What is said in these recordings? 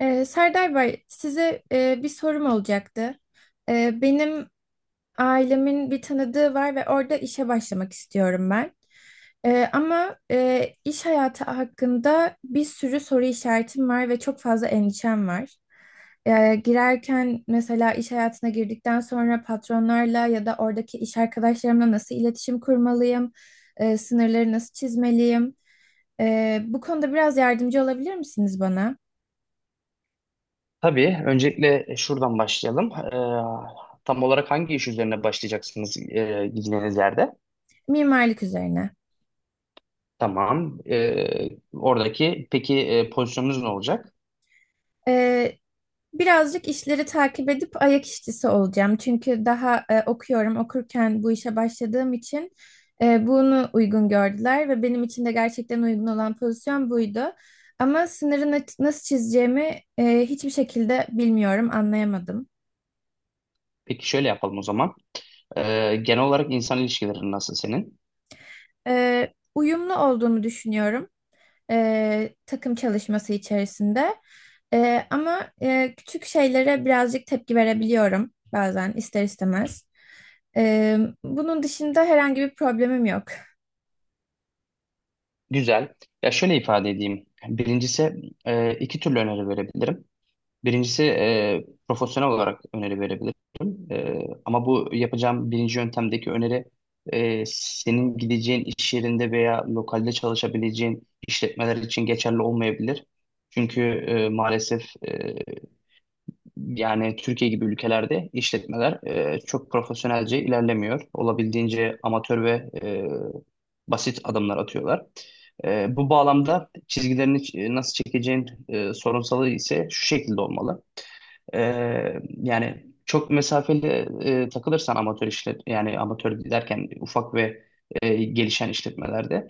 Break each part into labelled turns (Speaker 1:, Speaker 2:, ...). Speaker 1: Serdar Bey, size bir sorum olacaktı. Benim ailemin bir tanıdığı var ve orada işe başlamak istiyorum ben. Ama iş hayatı hakkında bir sürü soru işaretim var ve çok fazla endişem var. Girerken mesela iş hayatına girdikten sonra patronlarla ya da oradaki iş arkadaşlarımla nasıl iletişim kurmalıyım, sınırları nasıl çizmeliyim? Bu konuda biraz yardımcı olabilir misiniz bana?
Speaker 2: Tabii. Öncelikle şuradan başlayalım. Tam olarak hangi iş üzerine başlayacaksınız gideceğiniz yerde?
Speaker 1: Mimarlık üzerine.
Speaker 2: Tamam. Oradaki peki pozisyonunuz ne olacak?
Speaker 1: Ee, Birazcık işleri takip edip ayak işçisi olacağım. Çünkü daha okuyorum. Okurken bu işe başladığım için bunu uygun gördüler ve benim için de gerçekten uygun olan pozisyon buydu. Ama sınırı nasıl çizeceğimi hiçbir şekilde bilmiyorum, anlayamadım.
Speaker 2: Peki şöyle yapalım o zaman. Genel olarak insan ilişkilerin nasıl senin?
Speaker 1: Uyumlu olduğumu düşünüyorum takım çalışması içerisinde. Ama küçük şeylere birazcık tepki verebiliyorum bazen ister istemez. Ee, Bunun dışında herhangi bir problemim yok.
Speaker 2: Güzel. Ya şöyle ifade edeyim. Birincisi iki türlü öneri verebilirim. Birincisi profesyonel olarak öneri verebilirim. E, Ama bu yapacağım birinci yöntemdeki öneri senin gideceğin iş yerinde veya lokalde çalışabileceğin işletmeler için geçerli olmayabilir. Çünkü maalesef e, yani Türkiye gibi ülkelerde işletmeler çok profesyonelce ilerlemiyor. Olabildiğince amatör ve basit adımlar atıyorlar. Bu bağlamda çizgilerini nasıl çekeceğin sorunsalı ise şu şekilde olmalı. Yani çok mesafeli takılırsan amatör yani amatör derken ufak ve gelişen işletmelerde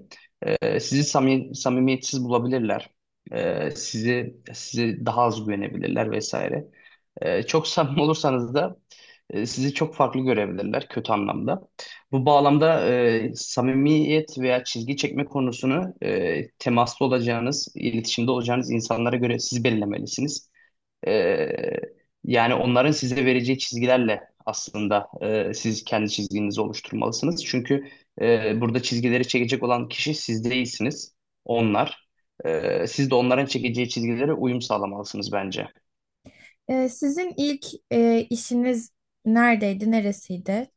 Speaker 2: sizi samimi, samimiyetsiz bulabilirler. Sizi daha az güvenebilirler vesaire. Çok samimi olursanız da sizi çok farklı görebilirler kötü anlamda. Bu bağlamda samimiyet veya çizgi çekme konusunu temaslı olacağınız, iletişimde olacağınız insanlara göre siz belirlemelisiniz. Ee, Yani onların size vereceği çizgilerle aslında siz kendi çizginizi oluşturmalısınız. Çünkü burada çizgileri çekecek olan kişi siz değilsiniz, onlar. Siz de onların çekeceği çizgilere uyum sağlamalısınız bence.
Speaker 1: Sizin ilk işiniz neredeydi, neresiydi?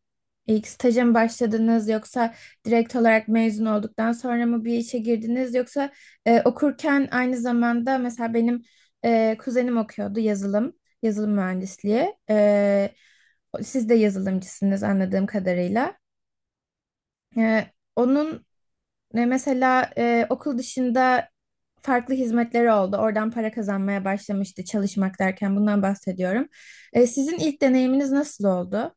Speaker 1: İlk staja mı başladınız yoksa direkt olarak mezun olduktan sonra mı bir işe girdiniz yoksa okurken aynı zamanda mesela benim kuzenim okuyordu yazılım mühendisliği. Siz de yazılımcısınız anladığım kadarıyla. E, onun Ve mesela okul dışında farklı hizmetleri oldu. Oradan para kazanmaya başlamıştı, çalışmak derken bundan bahsediyorum. Sizin ilk deneyiminiz nasıl oldu?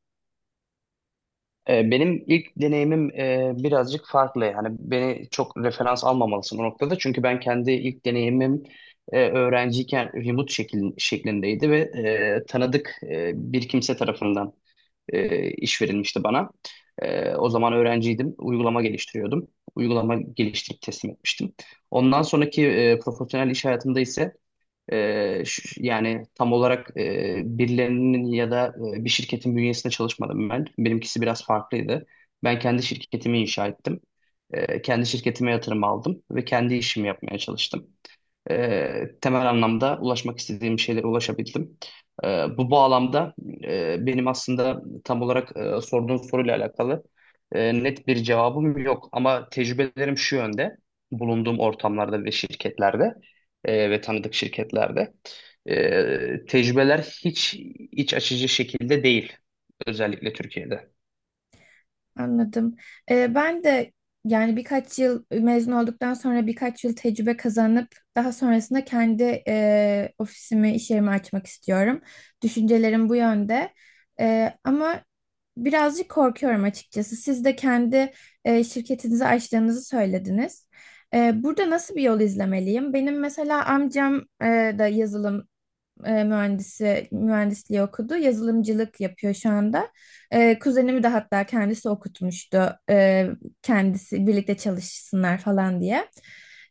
Speaker 2: Benim ilk deneyimim birazcık farklı. Yani beni çok referans almamalısın o noktada. Çünkü ben kendi ilk deneyimim öğrenciyken remote şeklindeydi ve tanıdık bir kimse tarafından iş verilmişti bana. O zaman öğrenciydim, uygulama geliştiriyordum. Uygulama geliştirip teslim etmiştim. Ondan sonraki profesyonel iş hayatımda ise yani tam olarak birilerinin ya da bir şirketin bünyesinde çalışmadım ben. Benimkisi biraz farklıydı. Ben kendi şirketimi inşa ettim. Kendi şirketime yatırım aldım ve kendi işimi yapmaya çalıştım temel anlamda ulaşmak istediğim şeylere ulaşabildim. E, Bu bağlamda benim aslında tam olarak sorduğun soruyla alakalı net bir cevabım yok. Ama tecrübelerim şu yönde, bulunduğum ortamlarda ve şirketlerde ve tanıdık şirketlerde tecrübeler hiç iç açıcı şekilde değil, özellikle Türkiye'de.
Speaker 1: Anladım. Ben de yani birkaç yıl mezun olduktan sonra birkaç yıl tecrübe kazanıp daha sonrasında kendi ofisimi, iş yerimi açmak istiyorum. Düşüncelerim bu yönde. Ama birazcık korkuyorum açıkçası. Siz de kendi şirketinizi açtığınızı söylediniz. Burada nasıl bir yol izlemeliyim? Benim mesela amcam e, da yazılım mühendisliği okudu. Yazılımcılık yapıyor şu anda. Kuzenimi de hatta kendisi okutmuştu. Kendisi birlikte çalışsınlar falan diye.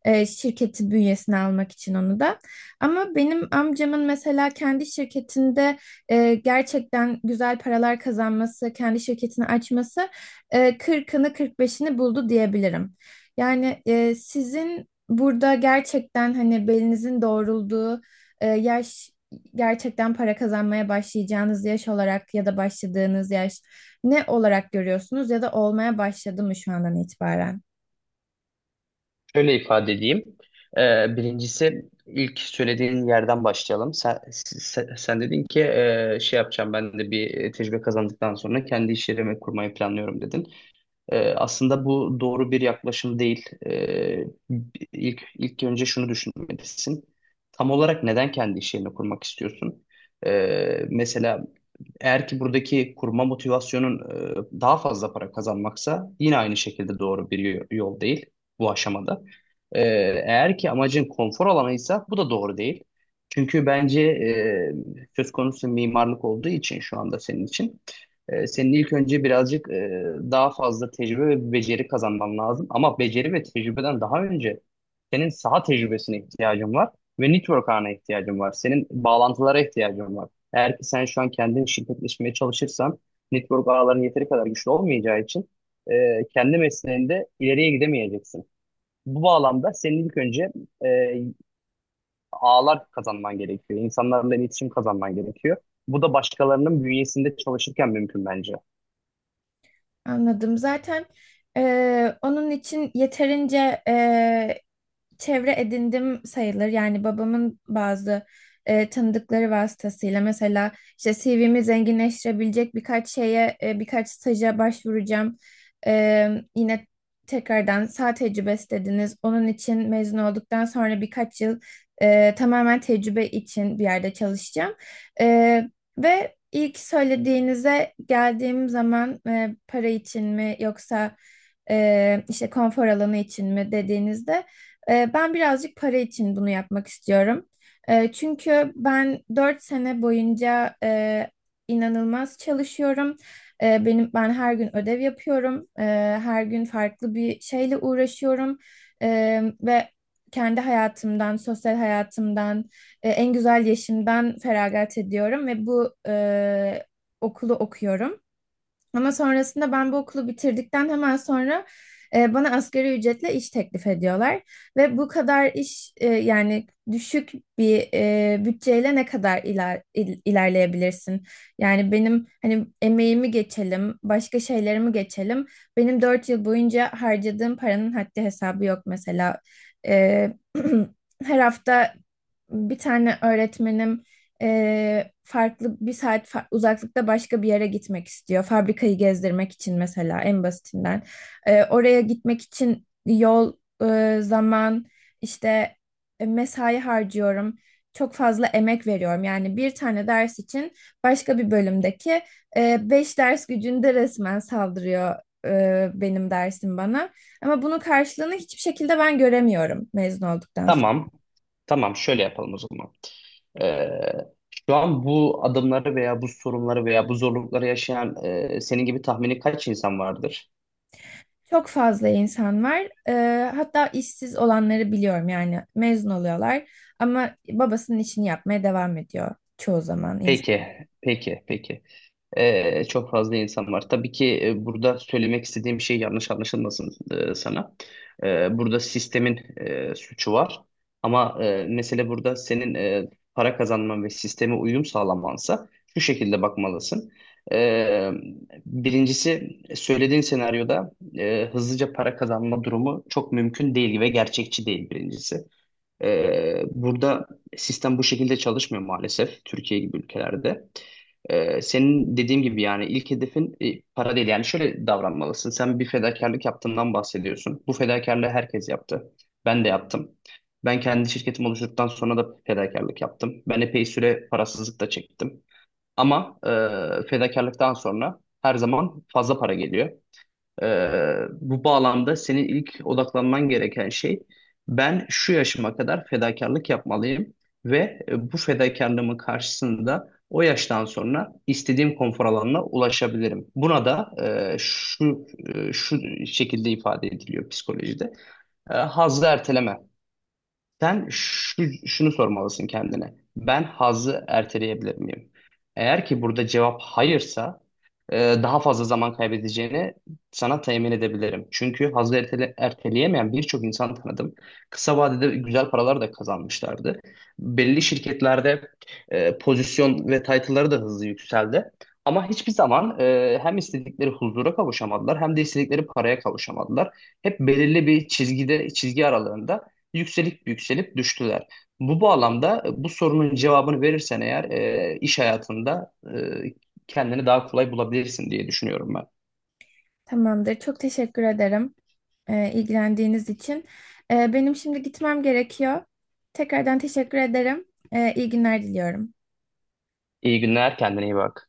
Speaker 1: Şirketi bünyesine almak için onu da. Ama benim amcamın mesela kendi şirketinde gerçekten güzel paralar kazanması, kendi şirketini açması 40'ını 45'ini buldu diyebilirim. Yani sizin burada gerçekten hani belinizin doğrulduğu yaş, gerçekten para kazanmaya başlayacağınız yaş olarak ya da başladığınız yaş ne olarak görüyorsunuz ya da olmaya başladı mı şu andan itibaren?
Speaker 2: Şöyle ifade edeyim. Birincisi ilk söylediğin yerden başlayalım. Sen dedin ki şey yapacağım ben de bir tecrübe kazandıktan sonra kendi iş yerimi kurmayı planlıyorum dedin. Aslında bu doğru bir yaklaşım değil. İlk, ilk önce şunu düşünmelisin. Tam olarak neden kendi iş yerini kurmak istiyorsun? Mesela eğer ki buradaki kurma motivasyonun daha fazla para kazanmaksa yine aynı şekilde doğru bir yol değil bu aşamada. E, Eğer ki amacın konfor alanıysa bu da doğru değil. Çünkü bence söz konusu mimarlık olduğu için şu anda senin için senin ilk önce birazcık daha fazla tecrübe ve beceri kazanman lazım. Ama beceri ve tecrübeden daha önce senin saha tecrübesine ihtiyacın var ve network ağına ihtiyacın var. Senin bağlantılara ihtiyacın var. Eğer ki sen şu an kendin şirketleşmeye çalışırsan network ağların yeteri kadar güçlü olmayacağı için kendi mesleğinde ileriye gidemeyeceksin. Bu bağlamda senin ilk önce e, ağlar kazanman gerekiyor. İnsanlarla iletişim kazanman gerekiyor. Bu da başkalarının bünyesinde çalışırken mümkün bence.
Speaker 1: Anladım. Zaten onun için yeterince çevre edindim sayılır. Yani babamın bazı tanıdıkları vasıtasıyla mesela işte CV'mi zenginleştirebilecek birkaç şeye, birkaç staja başvuracağım. E, Yine tekrardan sağ tecrübesi dediniz. Onun için mezun olduktan sonra birkaç yıl tamamen tecrübe için bir yerde çalışacağım. E, Ve ilk söylediğinize geldiğim zaman para için mi yoksa işte konfor alanı için mi dediğinizde ben birazcık para için bunu yapmak istiyorum. Çünkü ben 4 sene boyunca inanılmaz çalışıyorum. Ben her gün ödev yapıyorum. Her gün farklı bir şeyle uğraşıyorum ve kendi hayatımdan, sosyal hayatımdan, en güzel yaşımdan feragat ediyorum ve bu okulu okuyorum. Ama sonrasında ben bu okulu bitirdikten hemen sonra bana asgari ücretle iş teklif ediyorlar. Ve bu kadar iş yani düşük bir bütçeyle ne kadar ilerleyebilirsin? Yani benim hani emeğimi geçelim, başka şeylerimi geçelim. Benim 4 yıl boyunca harcadığım paranın haddi hesabı yok mesela. E, Her hafta bir tane öğretmenim farklı bir saat uzaklıkta başka bir yere gitmek istiyor. Fabrikayı gezdirmek için mesela en basitinden. Oraya gitmek için yol, zaman, işte mesai harcıyorum. Çok fazla emek veriyorum. Yani bir tane ders için başka bir bölümdeki beş ders gücünde resmen saldırıyor benim dersim bana. Ama bunun karşılığını hiçbir şekilde ben göremiyorum mezun olduktan.
Speaker 2: Tamam. Tamam, şöyle yapalım o zaman. Ee, Şu an bu adımları veya bu sorunları veya bu zorlukları yaşayan senin gibi tahmini kaç insan vardır?
Speaker 1: Çok fazla insan var. Hatta işsiz olanları biliyorum, yani mezun oluyorlar ama babasının işini yapmaya devam ediyor çoğu zaman insan.
Speaker 2: Peki, peki. Çok fazla insan var. Tabii ki burada söylemek istediğim şey yanlış anlaşılmasın sana. Burada sistemin suçu var. Ama mesele burada senin para kazanman ve sisteme uyum sağlamansa şu şekilde bakmalısın. Ee, Birincisi söylediğin senaryoda hızlıca para kazanma durumu çok mümkün değil ve gerçekçi değil birincisi. Burada sistem bu şekilde çalışmıyor maalesef Türkiye gibi ülkelerde. Senin dediğim gibi yani ilk hedefin para değil. Yani şöyle davranmalısın. Sen bir fedakarlık yaptığından bahsediyorsun. Bu fedakarlığı herkes yaptı. Ben de yaptım. Ben kendi şirketimi oluşturduktan sonra da fedakarlık yaptım. Ben epey süre parasızlık da çektim. Ama fedakarlıktan sonra her zaman fazla para geliyor. Bu bağlamda senin ilk odaklanman gereken şey ben şu yaşıma kadar fedakarlık yapmalıyım ve bu fedakarlığımın karşısında o yaştan sonra istediğim konfor alanına ulaşabilirim. Buna da şu şekilde ifade ediliyor psikolojide. Hazzı erteleme. Şunu sormalısın kendine. Ben hazı erteleyebilir miyim? Eğer ki burada cevap hayırsa e, daha fazla zaman kaybedeceğini sana temin edebilirim. Çünkü erteleyemeyen birçok insan tanıdım. Kısa vadede güzel paralar da kazanmışlardı. Belli şirketlerde pozisyon ve title'ları da hızlı yükseldi. Ama hiçbir zaman hem istedikleri huzura kavuşamadılar hem de istedikleri paraya kavuşamadılar. Hep belirli bir çizgi aralığında yükselip düştüler. Bu bağlamda bu sorunun cevabını verirsen eğer iş hayatında kendini daha kolay bulabilirsin diye düşünüyorum ben.
Speaker 1: Tamamdır. Çok teşekkür ederim ilgilendiğiniz için. Benim şimdi gitmem gerekiyor. Tekrardan teşekkür ederim. İyi günler diliyorum.
Speaker 2: İyi günler, kendine iyi bak.